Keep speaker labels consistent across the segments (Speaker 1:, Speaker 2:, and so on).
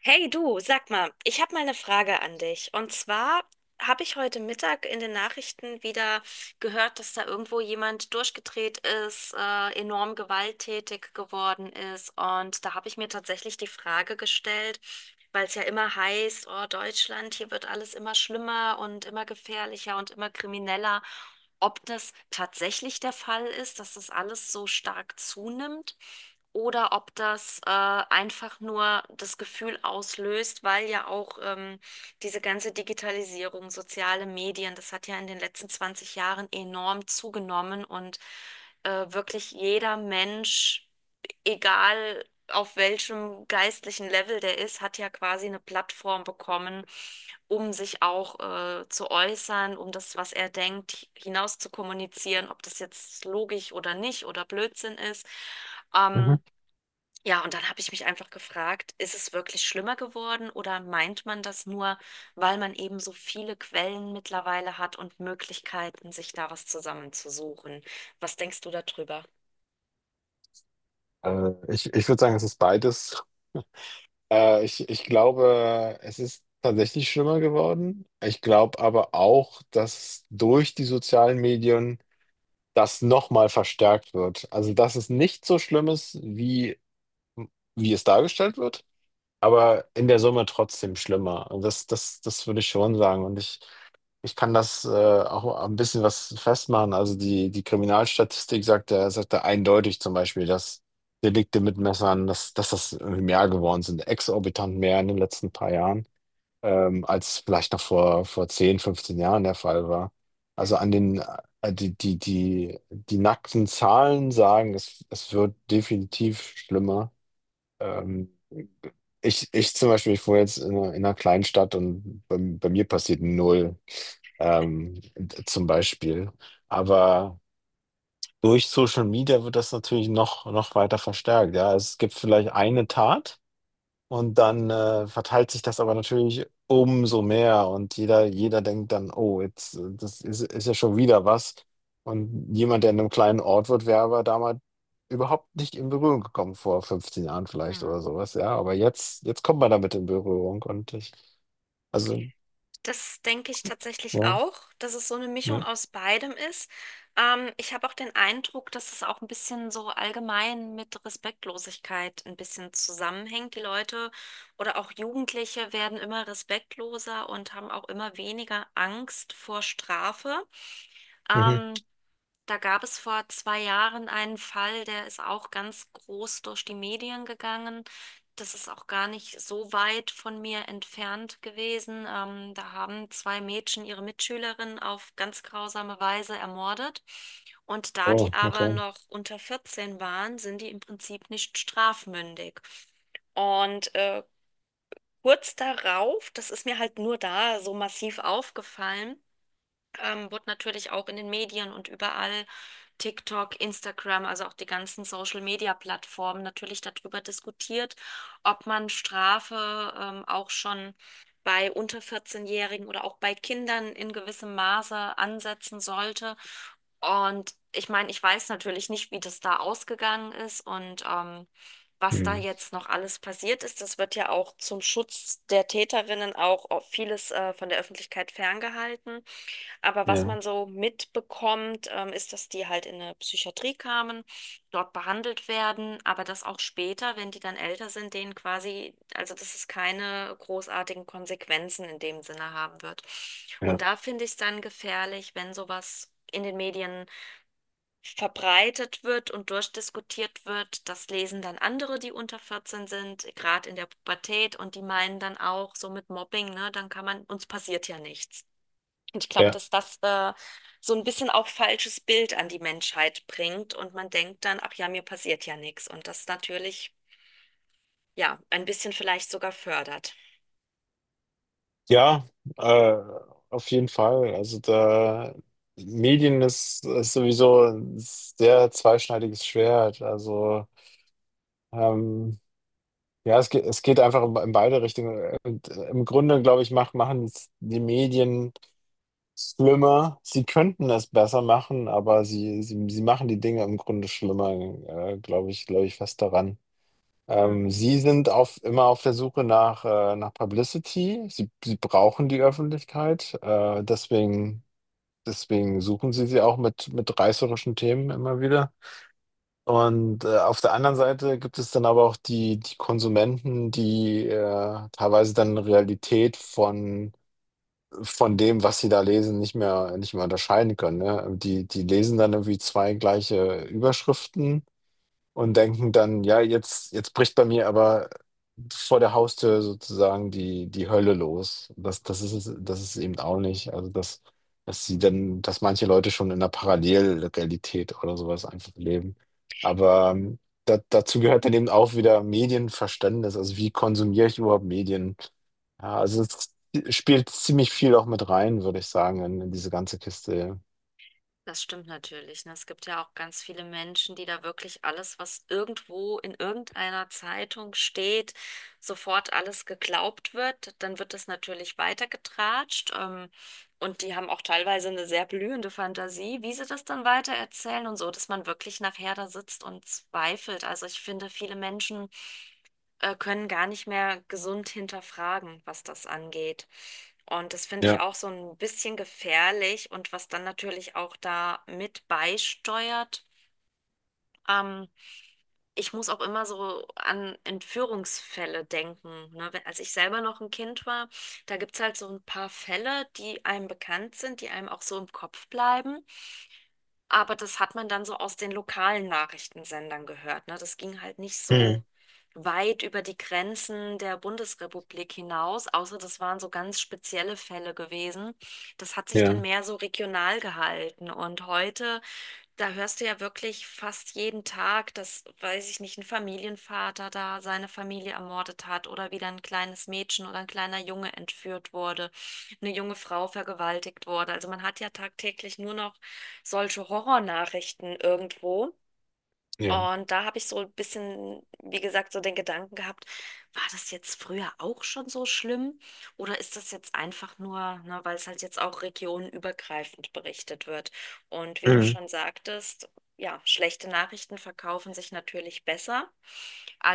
Speaker 1: Hey du, sag mal, ich habe mal eine Frage an dich. Und zwar habe ich heute Mittag in den Nachrichten wieder gehört, dass da irgendwo jemand durchgedreht ist, enorm gewalttätig geworden ist. Und da habe ich mir tatsächlich die Frage gestellt, weil es ja immer heißt, oh Deutschland, hier wird alles immer schlimmer und immer gefährlicher und immer krimineller, ob das tatsächlich der Fall ist, dass das alles so stark zunimmt oder ob das einfach nur das Gefühl auslöst, weil ja auch diese ganze Digitalisierung, soziale Medien, das hat ja in den letzten 20 Jahren enorm zugenommen. Und wirklich jeder Mensch, egal auf welchem geistlichen Level der ist, hat ja quasi eine Plattform bekommen, um sich auch zu äußern, um das, was er denkt, hinaus zu kommunizieren, ob das jetzt logisch oder nicht oder Blödsinn ist.
Speaker 2: Mhm.
Speaker 1: Ähm, ja, und dann habe ich mich einfach gefragt, ist es wirklich schlimmer geworden oder meint man das nur, weil man eben so viele Quellen mittlerweile hat und Möglichkeiten, sich da was zusammenzusuchen? Was denkst du darüber?
Speaker 2: Ich würde sagen, es ist beides. Ich glaube, es ist tatsächlich schlimmer geworden. Ich glaube aber auch, dass durch die sozialen Medien das nochmal verstärkt wird. Also, dass es nicht so schlimm ist, wie es dargestellt wird, aber in der Summe trotzdem schlimmer. Und das würde ich schon sagen. Und ich kann das auch ein bisschen was festmachen. Also die Kriminalstatistik sagt da eindeutig zum Beispiel, dass Delikte mit Messern, dass das irgendwie mehr geworden sind, exorbitant mehr in den letzten paar Jahren, als vielleicht noch vor 10 15 Jahren der Fall war. Also
Speaker 1: Hm,
Speaker 2: die nackten Zahlen sagen, es wird definitiv schlimmer. Ähm, ich zum Beispiel, ich wohne jetzt in einer kleinen Stadt und bei mir passiert null, zum Beispiel. Aber durch Social Media wird das natürlich noch weiter verstärkt. Ja, es gibt vielleicht eine Tat. Und dann verteilt sich das aber natürlich umso mehr und jeder denkt dann, oh, jetzt, das ist ja schon wieder was. Und jemand, der in einem kleinen Ort wird, wäre aber damals überhaupt nicht in Berührung gekommen, vor 15 Jahren vielleicht oder
Speaker 1: hm.
Speaker 2: sowas, ja. Aber jetzt kommt man damit in Berührung also,
Speaker 1: Das denke ich tatsächlich
Speaker 2: ja,
Speaker 1: auch, dass es so eine Mischung
Speaker 2: ja.
Speaker 1: aus beidem ist. Ich habe auch den Eindruck, dass es auch ein bisschen so allgemein mit Respektlosigkeit ein bisschen zusammenhängt. Die Leute oder auch Jugendliche werden immer respektloser und haben auch immer weniger Angst vor Strafe.
Speaker 2: Mhm.
Speaker 1: Ähm, Da gab es vor 2 Jahren einen Fall, der ist auch ganz groß durch die Medien gegangen. Das ist auch gar nicht so weit von mir entfernt gewesen. Da haben zwei Mädchen ihre Mitschülerin auf ganz grausame Weise ermordet. Und da
Speaker 2: Oh,
Speaker 1: die aber
Speaker 2: okay.
Speaker 1: noch unter 14 waren, sind die im Prinzip nicht strafmündig. Und kurz darauf, das ist mir halt nur da so massiv aufgefallen, wurde natürlich auch in den Medien und überall, TikTok, Instagram, also auch die ganzen Social-Media-Plattformen, natürlich darüber diskutiert, ob man Strafe auch schon bei unter 14-Jährigen oder auch bei Kindern in gewissem Maße ansetzen sollte. Und ich meine, ich weiß natürlich nicht, wie das da ausgegangen ist und was da
Speaker 2: Hm.
Speaker 1: jetzt noch alles passiert ist. Das wird ja auch zum Schutz der Täterinnen auch vieles von der Öffentlichkeit ferngehalten. Aber was
Speaker 2: Ja,
Speaker 1: man so mitbekommt, ist, dass die halt in eine Psychiatrie kamen, dort behandelt werden, aber dass auch später, wenn die dann älter sind, denen quasi, also dass es keine großartigen Konsequenzen in dem Sinne haben wird.
Speaker 2: ja,
Speaker 1: Und da finde ich es dann gefährlich, wenn sowas in den Medien verbreitet wird und durchdiskutiert wird. Das lesen dann andere, die unter 14 sind, gerade in der Pubertät, und die meinen dann auch so mit Mobbing, ne, dann kann man, uns passiert ja nichts. Und ich glaube,
Speaker 2: ja.
Speaker 1: dass das so ein bisschen auch falsches Bild an die Menschheit bringt und man denkt dann, ach ja, mir passiert ja nichts. Und das natürlich, ja, ein bisschen vielleicht sogar fördert.
Speaker 2: Ja, äh, auf jeden Fall. Also da Medien ist sowieso ein sehr zweischneidiges Schwert. Also ähm, ja, es geht einfach in beide Richtungen. Und im Grunde, glaube ich, machen es die Medien schlimmer. Sie könnten es besser machen, aber sie machen die Dinge im Grunde schlimmer, glaube ich fest daran.
Speaker 1: Hm.
Speaker 2: Sie sind immer auf der Suche nach Publicity. Sie brauchen die Öffentlichkeit. Deswegen suchen Sie sie auch mit reißerischen Themen immer wieder. Und auf der anderen Seite gibt es dann aber auch die Konsumenten, die teilweise dann Realität von dem, was sie da lesen, nicht mehr unterscheiden können. Ne? Die lesen dann irgendwie zwei gleiche Überschriften und denken dann, ja, jetzt bricht bei mir aber vor der Haustür sozusagen die Hölle los. Das ist es eben auch nicht. Also dass manche Leute schon in einer Parallelrealität oder sowas einfach leben. Aber dazu gehört dann eben auch wieder Medienverständnis. Also wie konsumiere ich überhaupt Medien? Ja, also es spielt ziemlich viel auch mit rein, würde ich sagen, in diese ganze Kiste.
Speaker 1: Das stimmt natürlich. Ne? Es gibt ja auch ganz viele Menschen, die da wirklich alles, was irgendwo in irgendeiner Zeitung steht, sofort alles geglaubt wird. Dann wird das natürlich weitergetratscht. Und die haben auch teilweise eine sehr blühende Fantasie, wie sie das dann weitererzählen und so, dass man wirklich nachher da sitzt und zweifelt. Also ich finde, viele Menschen können gar nicht mehr gesund hinterfragen, was das angeht. Und das finde ich
Speaker 2: Ja.
Speaker 1: auch so ein bisschen gefährlich und was dann natürlich auch da mit beisteuert. Ähm, Ich muss auch immer so an Entführungsfälle denken. Ne? Wenn, als ich selber noch ein Kind war, da gibt es halt so ein paar Fälle, die einem bekannt sind, die einem auch so im Kopf bleiben. Aber das hat man dann so aus den lokalen Nachrichtensendern gehört, ne? Das ging halt nicht
Speaker 2: Ja.
Speaker 1: so
Speaker 2: Hm,
Speaker 1: weit über die Grenzen der Bundesrepublik hinaus, außer das waren so ganz spezielle Fälle gewesen. Das hat sich dann
Speaker 2: ja.
Speaker 1: mehr so regional gehalten. Und heute, da hörst du ja wirklich fast jeden Tag, dass, weiß ich nicht, ein Familienvater da seine Familie ermordet hat oder wieder ein kleines Mädchen oder ein kleiner Junge entführt wurde, eine junge Frau vergewaltigt wurde. Also man hat ja tagtäglich nur noch solche Horrornachrichten irgendwo.
Speaker 2: Ja.
Speaker 1: Und da habe ich so ein bisschen, wie gesagt, so den Gedanken gehabt, war das jetzt früher auch schon so schlimm oder ist das jetzt einfach nur, ne, weil es halt jetzt auch regionenübergreifend berichtet wird? Und wie du
Speaker 2: Hm,
Speaker 1: schon sagtest, ja, schlechte Nachrichten verkaufen sich natürlich besser,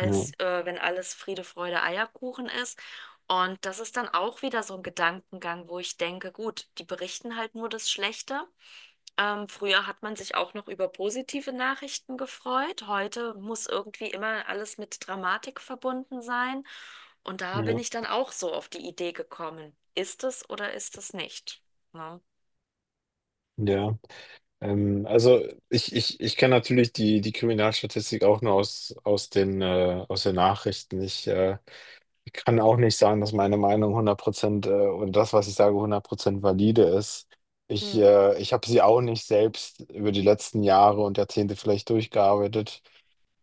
Speaker 2: ja.
Speaker 1: wenn alles Friede, Freude, Eierkuchen ist. Und das ist dann auch wieder so ein Gedankengang, wo ich denke, gut, die berichten halt nur das Schlechte. Früher hat man sich auch noch über positive Nachrichten gefreut. Heute muss irgendwie immer alles mit Dramatik verbunden sein. Und da bin
Speaker 2: Ja.
Speaker 1: ich dann auch so auf die Idee gekommen. Ist es oder ist es nicht? Ne?
Speaker 2: Ja. Also ich kenne natürlich die Kriminalstatistik auch nur aus den Nachrichten. Ich kann auch nicht sagen, dass meine Meinung 100% und das, was ich sage, 100% valide ist. Ich,
Speaker 1: Hm,
Speaker 2: äh, ich habe sie auch nicht selbst über die letzten Jahre und Jahrzehnte vielleicht durchgearbeitet.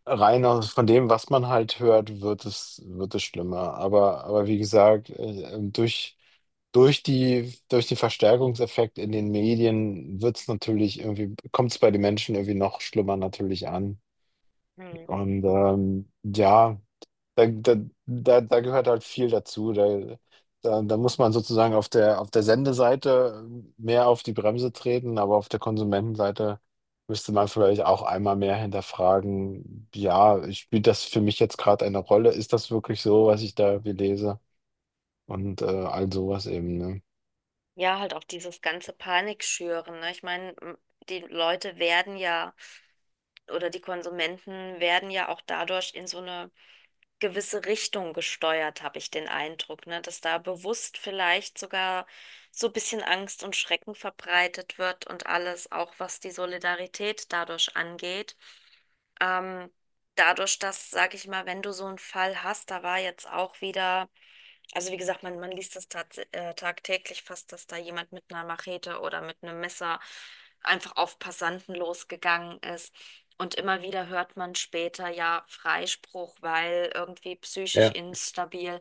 Speaker 2: Rein aus von dem, was man halt hört, wird es schlimmer. Aber wie gesagt, durch den Verstärkungseffekt in den Medien wird es natürlich irgendwie, kommt es bei den Menschen irgendwie noch schlimmer natürlich an.
Speaker 1: hm.
Speaker 2: Und ja. Da, da, da gehört halt viel dazu. Da muss man sozusagen auf der Sendeseite mehr auf die Bremse treten, aber auf der Konsumentenseite müsste man vielleicht auch einmal mehr hinterfragen, ja, spielt das für mich jetzt gerade eine Rolle? Ist das wirklich so, was ich da irgendwie lese? Und all sowas eben, ne?
Speaker 1: Ja, halt auch dieses ganze Panikschüren. Ne? Ich meine, die Leute werden ja, oder die Konsumenten werden ja auch dadurch in so eine gewisse Richtung gesteuert, habe ich den Eindruck, ne? Dass da bewusst vielleicht sogar so ein bisschen Angst und Schrecken verbreitet wird und alles, auch was die Solidarität dadurch angeht. Ähm, Dadurch, dass, sag ich mal, wenn du so einen Fall hast, da war jetzt auch wieder. Also wie gesagt, man liest das tats tagtäglich fast, dass da jemand mit einer Machete oder mit einem Messer einfach auf Passanten losgegangen ist. Und immer wieder hört man später ja Freispruch, weil irgendwie psychisch
Speaker 2: Ja,
Speaker 1: instabil.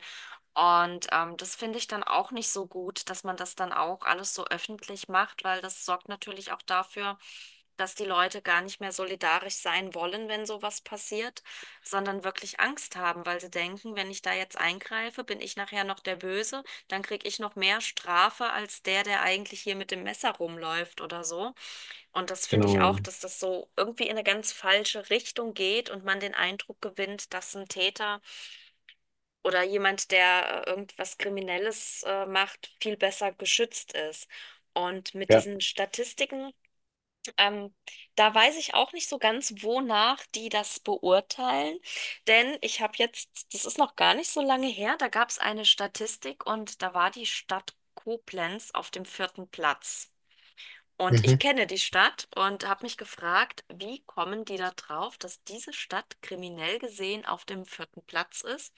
Speaker 1: Und das finde ich dann auch nicht so gut, dass man das dann auch alles so öffentlich macht, weil das sorgt natürlich auch dafür, dass die Leute gar nicht mehr solidarisch sein wollen, wenn sowas passiert, sondern wirklich Angst haben, weil sie denken, wenn ich da jetzt eingreife, bin ich nachher noch der Böse, dann kriege ich noch mehr Strafe als der, der eigentlich hier mit dem Messer rumläuft oder so. Und das finde
Speaker 2: genau,
Speaker 1: ich
Speaker 2: ja.
Speaker 1: auch, dass das so irgendwie in eine ganz falsche Richtung geht und man den Eindruck gewinnt, dass ein Täter oder jemand, der irgendwas Kriminelles macht, viel besser geschützt ist. Und mit
Speaker 2: Ja.
Speaker 1: diesen Statistiken, ähm, da weiß ich auch nicht so ganz, wonach die das beurteilen. Denn ich habe jetzt, das ist noch gar nicht so lange her, da gab es eine Statistik und da war die Stadt Koblenz auf dem vierten Platz. Und ich
Speaker 2: Mhm.
Speaker 1: kenne die Stadt und habe mich gefragt, wie kommen die da drauf, dass diese Stadt kriminell gesehen auf dem vierten Platz ist?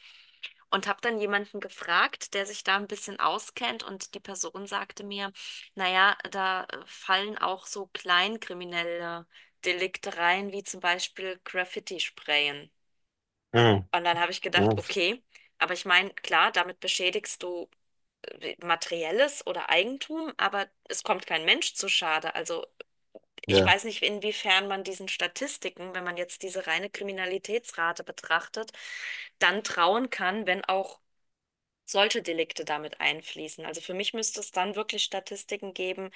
Speaker 1: Und habe dann jemanden gefragt, der sich da ein bisschen auskennt, und die Person sagte mir, naja, da fallen auch so kleinkriminelle Delikte rein, wie zum Beispiel Graffiti-Sprayen.
Speaker 2: Ja.
Speaker 1: Und dann habe ich
Speaker 2: Ja.
Speaker 1: gedacht, okay, aber ich meine, klar, damit beschädigst du Materielles oder Eigentum, aber es kommt kein Mensch zu Schade. Also ich
Speaker 2: Ja.
Speaker 1: weiß nicht, inwiefern man diesen Statistiken, wenn man jetzt diese reine Kriminalitätsrate betrachtet, dann trauen kann, wenn auch solche Delikte damit einfließen. Also für mich müsste es dann wirklich Statistiken geben,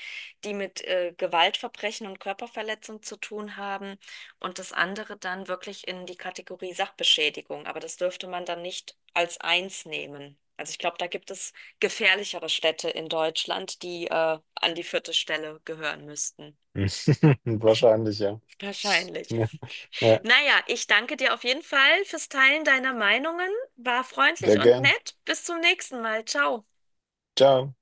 Speaker 1: die mit Gewaltverbrechen und Körperverletzung zu tun haben, und das andere dann wirklich in die Kategorie Sachbeschädigung. Aber das dürfte man dann nicht als eins nehmen. Also ich glaube, da gibt es gefährlichere Städte in Deutschland, die an die vierte Stelle gehören müssten.
Speaker 2: Wahrscheinlich, ja.
Speaker 1: Wahrscheinlich.
Speaker 2: Ja, ja,
Speaker 1: Naja, ich danke dir auf jeden Fall fürs Teilen deiner Meinungen. War
Speaker 2: sehr
Speaker 1: freundlich und
Speaker 2: gern.
Speaker 1: nett. Bis zum nächsten Mal. Ciao.
Speaker 2: Ciao.